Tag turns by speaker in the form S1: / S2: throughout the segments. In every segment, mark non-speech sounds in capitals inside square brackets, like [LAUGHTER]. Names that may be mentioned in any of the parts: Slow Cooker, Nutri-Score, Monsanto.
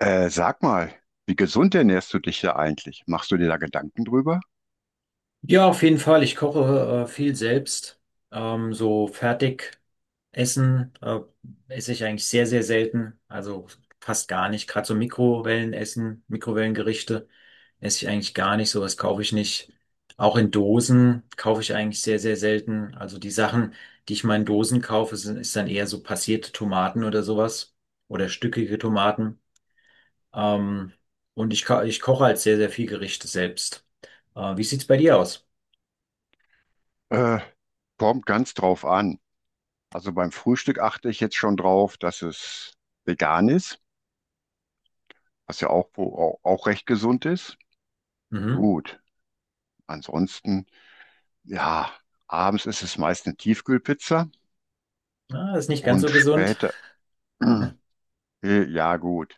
S1: Sag mal, wie gesund ernährst du dich da eigentlich? Machst du dir da Gedanken drüber?
S2: Ja, auf jeden Fall. Ich koche viel selbst. So fertig essen esse ich eigentlich sehr, sehr selten. Also fast gar nicht. Gerade so Mikrowellenessen, Mikrowellengerichte esse ich eigentlich gar nicht. Sowas kaufe ich nicht. Auch in Dosen kaufe ich eigentlich sehr, sehr selten. Also die Sachen, die ich mal in Dosen kaufe, ist dann eher so passierte Tomaten oder sowas. Oder stückige Tomaten. Ähm, und ich koche halt sehr, sehr viel Gerichte selbst. Wie sieht's bei dir aus?
S1: Äh, kommt ganz drauf an. Also beim Frühstück achte ich jetzt schon drauf, dass es vegan ist, was ja auch, auch recht gesund ist.
S2: Mhm.
S1: Gut. Ansonsten, ja, abends ist es meist eine Tiefkühlpizza
S2: Ah, ist nicht ganz
S1: und
S2: so gesund.
S1: später, [CLEARS THROAT] äh, ja gut,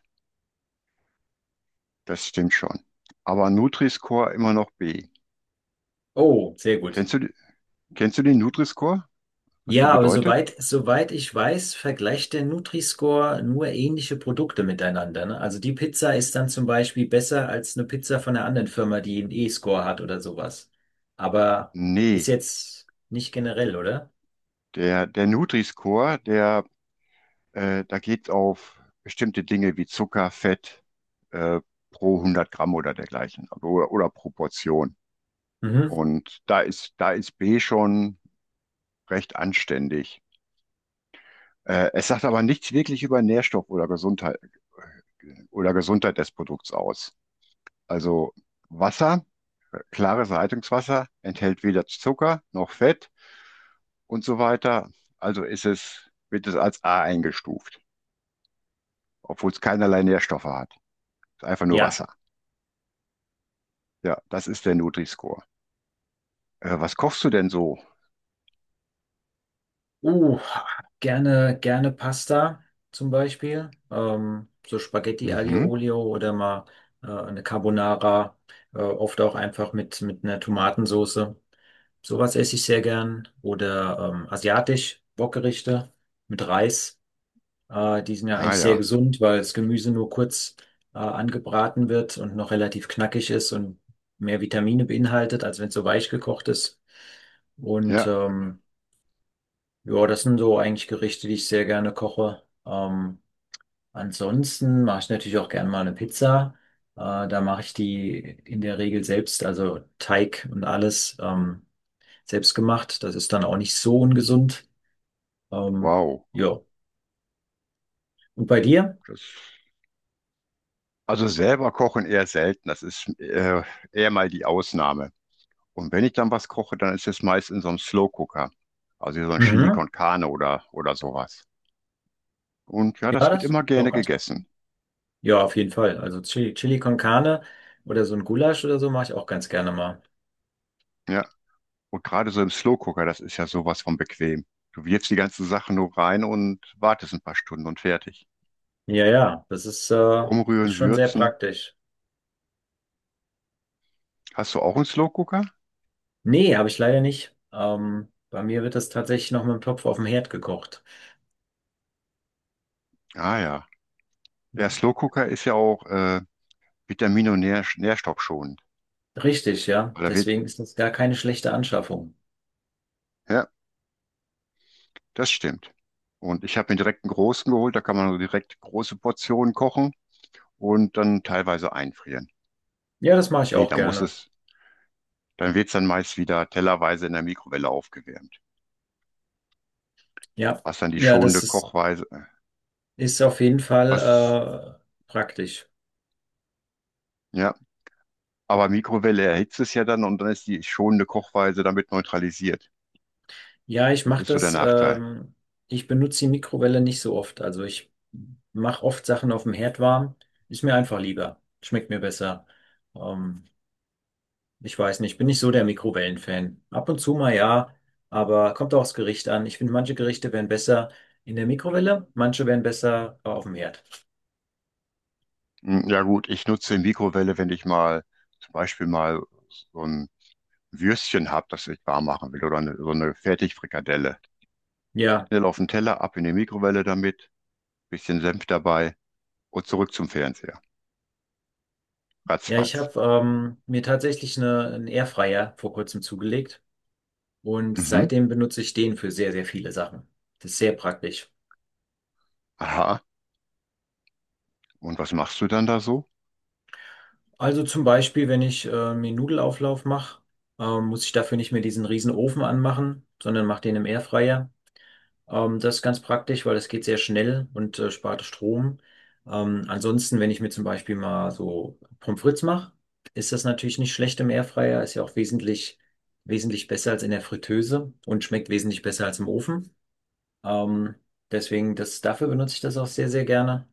S1: das stimmt schon. Aber Nutri-Score immer noch B.
S2: Oh, sehr gut.
S1: Kennst du, Kennst du den Nutri-Score? Was der
S2: Ja, aber
S1: bedeutet?
S2: soweit ich weiß, vergleicht der Nutri-Score nur ähnliche Produkte miteinander, ne? Also die Pizza ist dann zum Beispiel besser als eine Pizza von einer anderen Firma, die einen E-Score hat oder sowas. Aber
S1: Nee,
S2: ist jetzt nicht generell, oder?
S1: der Nutri-Score, da geht auf bestimmte Dinge wie Zucker, Fett, äh, pro hundert Gramm oder dergleichen also, oder Proportion.
S2: Mhm.
S1: Und da ist B schon recht anständig. Es sagt aber nichts wirklich über Nährstoff oder Gesundheit des Produkts aus. Also Wasser, klares Leitungswasser enthält weder Zucker noch Fett und so weiter. Wird es als A eingestuft, obwohl es keinerlei Nährstoffe hat. Ist einfach nur
S2: Ja.
S1: Wasser. Ja, das ist der Nutri-Score. Was kochst du denn so?
S2: Uh, gerne Pasta zum Beispiel. So Spaghetti Aglio
S1: Mhm.
S2: Olio oder mal eine Carbonara, oft auch einfach mit einer Tomatensoße. Sowas esse ich sehr gern. Oder asiatisch, Wokgerichte mit Reis. Die sind ja
S1: Ah
S2: eigentlich sehr
S1: ja.
S2: gesund, weil das Gemüse nur kurz angebraten wird und noch relativ knackig ist und mehr Vitamine beinhaltet, als wenn es so weich gekocht ist. Und
S1: Ja,
S2: ja, das sind so eigentlich Gerichte, die ich sehr gerne koche. Ansonsten mache ich natürlich auch gerne mal eine Pizza. Da mache ich die in der Regel selbst, also Teig und alles selbst gemacht. Das ist dann auch nicht so ungesund. Ähm,
S1: wow.
S2: ja. Und bei dir?
S1: Das, also selber kochen eher selten. Das ist eher mal die Ausnahme. Und wenn ich dann was koche, dann ist es meist in so einem Slow Cooker. Also so ein Chili
S2: Mhm.
S1: con Carne oder sowas. Und ja,
S2: Ja,
S1: das wird
S2: das
S1: immer
S2: doch
S1: gerne
S2: ganz gerne.
S1: gegessen.
S2: Ja, auf jeden Fall. Also Chili con Carne oder so ein Gulasch oder so mache ich auch ganz gerne mal.
S1: Ja. Und gerade so im Slow-Cooker, das ist ja sowas von bequem. Du wirfst die ganzen Sachen nur rein und wartest ein paar Stunden und fertig.
S2: Ja, ja, ist
S1: Umrühren,
S2: schon sehr
S1: würzen.
S2: praktisch.
S1: Hast du auch einen Slow-Cooker?
S2: Nee, habe ich leider nicht. Bei mir wird das tatsächlich noch mit dem Topf auf dem Herd gekocht.
S1: Ah ja. Ja,
S2: Ja.
S1: Slow-Cooker ist ja auch vitamin- und nährstoffschonend.
S2: Richtig, ja.
S1: Weil da wird,
S2: Deswegen ist das gar keine schlechte Anschaffung.
S1: ja, das stimmt. Und ich habe mir direkt einen großen geholt, da kann man so direkt große Portionen kochen und dann teilweise einfrieren.
S2: Ja, das mache ich
S1: Okay,
S2: auch gerne.
S1: dann wird es dann meist wieder tellerweise in der Mikrowelle aufgewärmt.
S2: Ja,
S1: Was dann die
S2: ja,
S1: schonende Kochweise,
S2: ist auf jeden
S1: was,
S2: Fall praktisch.
S1: ja, Aber Mikrowelle erhitzt es ja dann und dann ist die schonende Kochweise damit neutralisiert.
S2: Ja, ich
S1: Das
S2: mache
S1: ist so der
S2: das.
S1: Nachteil.
S2: Ich benutze die Mikrowelle nicht so oft. Also ich mache oft Sachen auf dem Herd warm. Ist mir einfach lieber. Schmeckt mir besser. Ähm, Ich weiß nicht, ich bin nicht so der Mikrowellenfan. Ab und zu mal ja, aber kommt auch aufs Gericht an. Ich finde, manche Gerichte wären besser in der Mikrowelle, manche wären besser auf dem Herd.
S1: Hm, ja gut, ich nutze die Mikrowelle, wenn ich mal zum Beispiel mal so ein Würstchen habe, das ich warm machen will so eine Fertigfrikadelle.
S2: Ja,
S1: Schnell auf den Teller, ab in die Mikrowelle damit, bisschen Senf dabei und zurück zum Fernseher.
S2: ja, ich
S1: Ratzfatz.
S2: habe mir tatsächlich einen Airfryer vor kurzem zugelegt und
S1: Mhm.
S2: seitdem benutze ich den für sehr, sehr viele Sachen. Das ist sehr praktisch.
S1: Aha. Und was machst du dann da so?
S2: Also zum Beispiel, wenn ich mir Nudelauflauf mache, muss ich dafür nicht mehr diesen riesen Ofen anmachen, sondern mache den im Airfryer. Das ist ganz praktisch, weil das geht sehr schnell und spart Strom. Ansonsten, wenn ich mir zum Beispiel mal so Pommes frites mache, ist das natürlich nicht schlecht im Airfryer. Ist ja auch wesentlich besser als in der Fritteuse und schmeckt wesentlich besser als im Ofen. Ähm, dafür benutze ich das auch sehr, sehr gerne.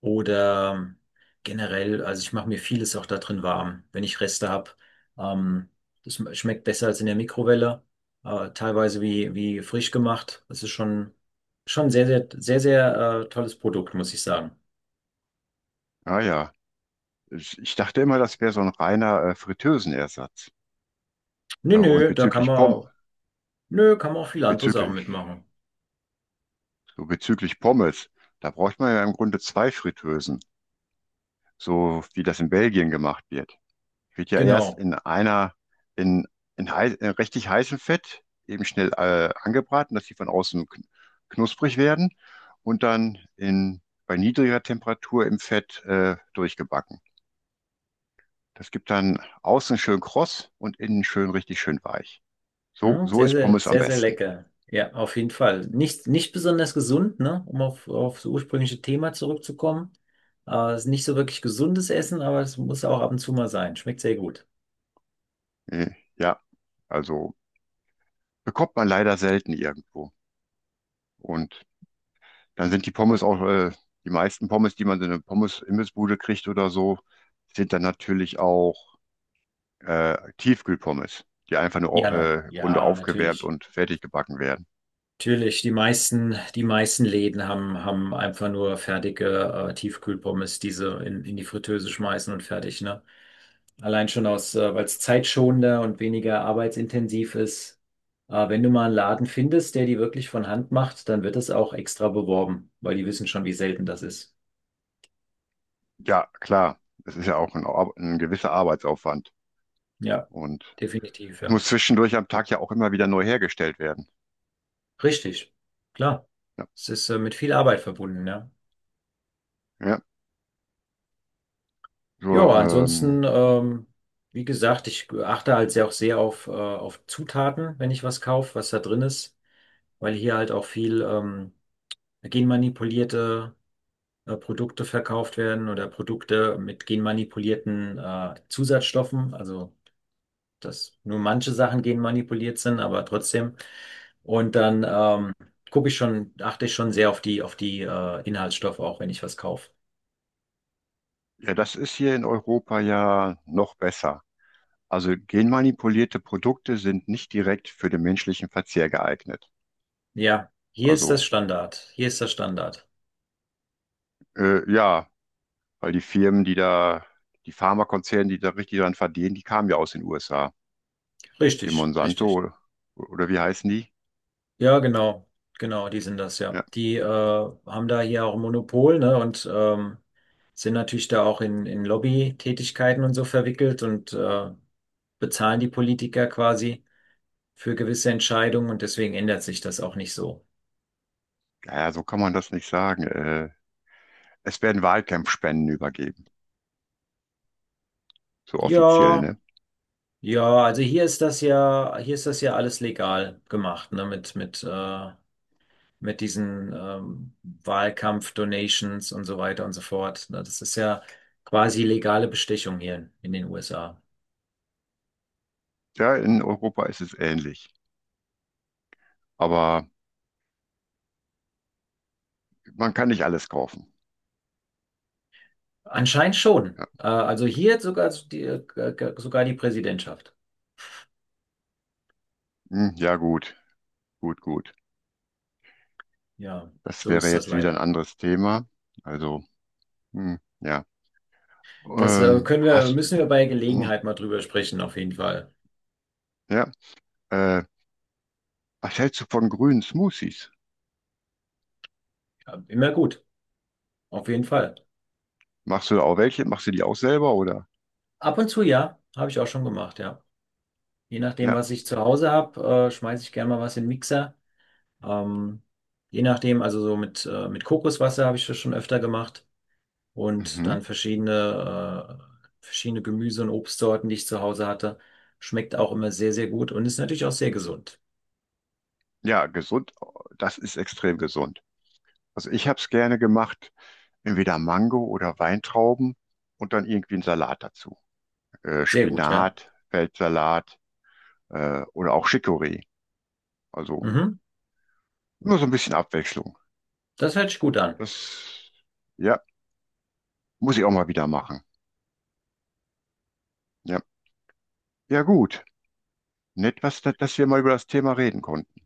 S2: Oder generell, also ich mache mir vieles auch da drin warm, wenn ich Reste habe. Ähm, schmeckt besser als in der Mikrowelle, teilweise wie frisch gemacht. Schon sehr, sehr, sehr, sehr tolles Produkt, muss ich sagen.
S1: Ah ja, ich dachte immer, das wäre so ein reiner Fritteusenersatz.
S2: Nö,
S1: Äh, und
S2: nö,
S1: bezüglich Pommes,
S2: nö, kann man auch viele andere Sachen
S1: bezüglich,
S2: mitmachen.
S1: Bezüglich Pommes, da braucht man ja im Grunde zwei Fritteusen, so wie das in Belgien gemacht wird. Wird ja erst
S2: Genau.
S1: in einer, in, in, heiß, in richtig heißem Fett eben schnell angebraten, dass die von außen knusprig werden und dann in, bei niedriger Temperatur im Fett durchgebacken. Das gibt dann außen schön kross und innen schön richtig schön weich.
S2: Hm,
S1: So
S2: sehr,
S1: ist
S2: sehr,
S1: Pommes am
S2: sehr, sehr
S1: besten.
S2: lecker. Ja, auf jeden Fall. Nicht besonders gesund, ne? Um auf das ursprüngliche Thema zurückzukommen. Ist nicht so wirklich gesundes Essen, aber es muss auch ab und zu mal sein. Schmeckt sehr gut.
S1: Äh, ja, also bekommt man leider selten irgendwo. Und dann sind die Pommes auch, die meisten Pommes, die man in eine Pommes-Imbissbude kriegt oder so, sind dann natürlich auch Tiefkühlpommes, die einfach nur im Grunde
S2: Ja,
S1: aufgewärmt
S2: natürlich.
S1: und fertig gebacken werden.
S2: Natürlich, die meisten Läden haben einfach nur fertige Tiefkühlpommes, die sie in die Fritteuse schmeißen und fertig, ne? Allein schon aus, weil es zeitschonender und weniger arbeitsintensiv ist. Wenn du mal einen Laden findest, der die wirklich von Hand macht, dann wird das auch extra beworben, weil die wissen schon, wie selten das ist.
S1: Ja, klar, das ist ja auch ein gewisser Arbeitsaufwand.
S2: Ja,
S1: Und
S2: definitiv,
S1: es
S2: ja.
S1: muss zwischendurch am Tag ja auch immer wieder neu hergestellt werden.
S2: Richtig, klar.
S1: Ja,
S2: Es ist mit viel Arbeit verbunden, ja.
S1: ja. So,
S2: Ja, ansonsten, wie gesagt, ich achte halt sehr auch sehr auf Zutaten, wenn ich was kaufe, was da drin ist, weil hier halt auch viel genmanipulierte Produkte verkauft werden oder Produkte mit genmanipulierten Zusatzstoffen. Also, dass nur manche Sachen genmanipuliert sind, aber trotzdem. Und dann achte ich schon sehr auf auf die Inhaltsstoffe, auch wenn ich was kaufe.
S1: ja, das ist hier in Europa ja noch besser. Also genmanipulierte Produkte sind nicht direkt für den menschlichen Verzehr geeignet.
S2: Ja, hier ist das
S1: Also
S2: Standard. Hier ist das Standard.
S1: ja, weil die Firmen, die Pharmakonzerne, die da richtig dran verdienen, die kamen ja aus den USA. Hier
S2: Richtig, richtig.
S1: Monsanto oder wie heißen die?
S2: Ja, genau. Genau, die sind das, ja.
S1: Ja,
S2: Die haben da hier auch ein Monopol, ne, und sind natürlich da auch in Lobby Tätigkeiten und so verwickelt und bezahlen die Politiker quasi für gewisse Entscheidungen und deswegen ändert sich das auch nicht so.
S1: naja, so kann man das nicht sagen. Es werden Wahlkampfspenden übergeben, so offiziell,
S2: Ja,
S1: ne?
S2: ja, hier ist das ja alles legal gemacht, ne, mit diesen Wahlkampf-Donations und so weiter und so fort. Ne, das ist ja quasi legale Bestechung hier in den USA.
S1: Ja, in Europa ist es ähnlich. Aber man kann nicht alles kaufen.
S2: Anscheinend schon.
S1: Ja,
S2: Äh, also hier sogar die Präsidentschaft.
S1: hm, ja gut, gut, gut.
S2: Ja,
S1: Das
S2: so
S1: wäre
S2: ist das
S1: jetzt wieder ein
S2: leider.
S1: anderes Thema. Also, hm, ja.
S2: Das
S1: Ähm, hast,
S2: müssen wir bei
S1: hm,
S2: Gelegenheit mal drüber sprechen, auf jeden Fall.
S1: ja, äh, was hältst du von grünen Smoothies?
S2: Ja, immer gut, auf jeden Fall.
S1: Machst du da auch welche? Machst du die auch selber oder?
S2: Ab und zu ja, habe ich auch schon gemacht, ja. Je nachdem,
S1: Ja,
S2: was ich zu Hause habe, schmeiße ich gerne mal was in den Mixer. Ähm, je nachdem, also so mit Kokoswasser habe ich das schon öfter gemacht. Und
S1: mhm.
S2: dann verschiedene, verschiedene Gemüse- und Obstsorten, die ich zu Hause hatte. Schmeckt auch immer sehr, sehr gut und ist natürlich auch sehr gesund.
S1: Ja, gesund. Das ist extrem gesund. Also ich habe es gerne gemacht, entweder Mango oder Weintrauben und dann irgendwie einen Salat dazu.
S2: Sehr gut, ja.
S1: Spinat, Feldsalat oder auch Chicorée. Also
S2: Mhm.
S1: nur so ein bisschen Abwechslung.
S2: Das hört sich gut an.
S1: Das, ja, muss ich auch mal wieder machen. Ja, ja gut. Dass wir mal über das Thema reden konnten.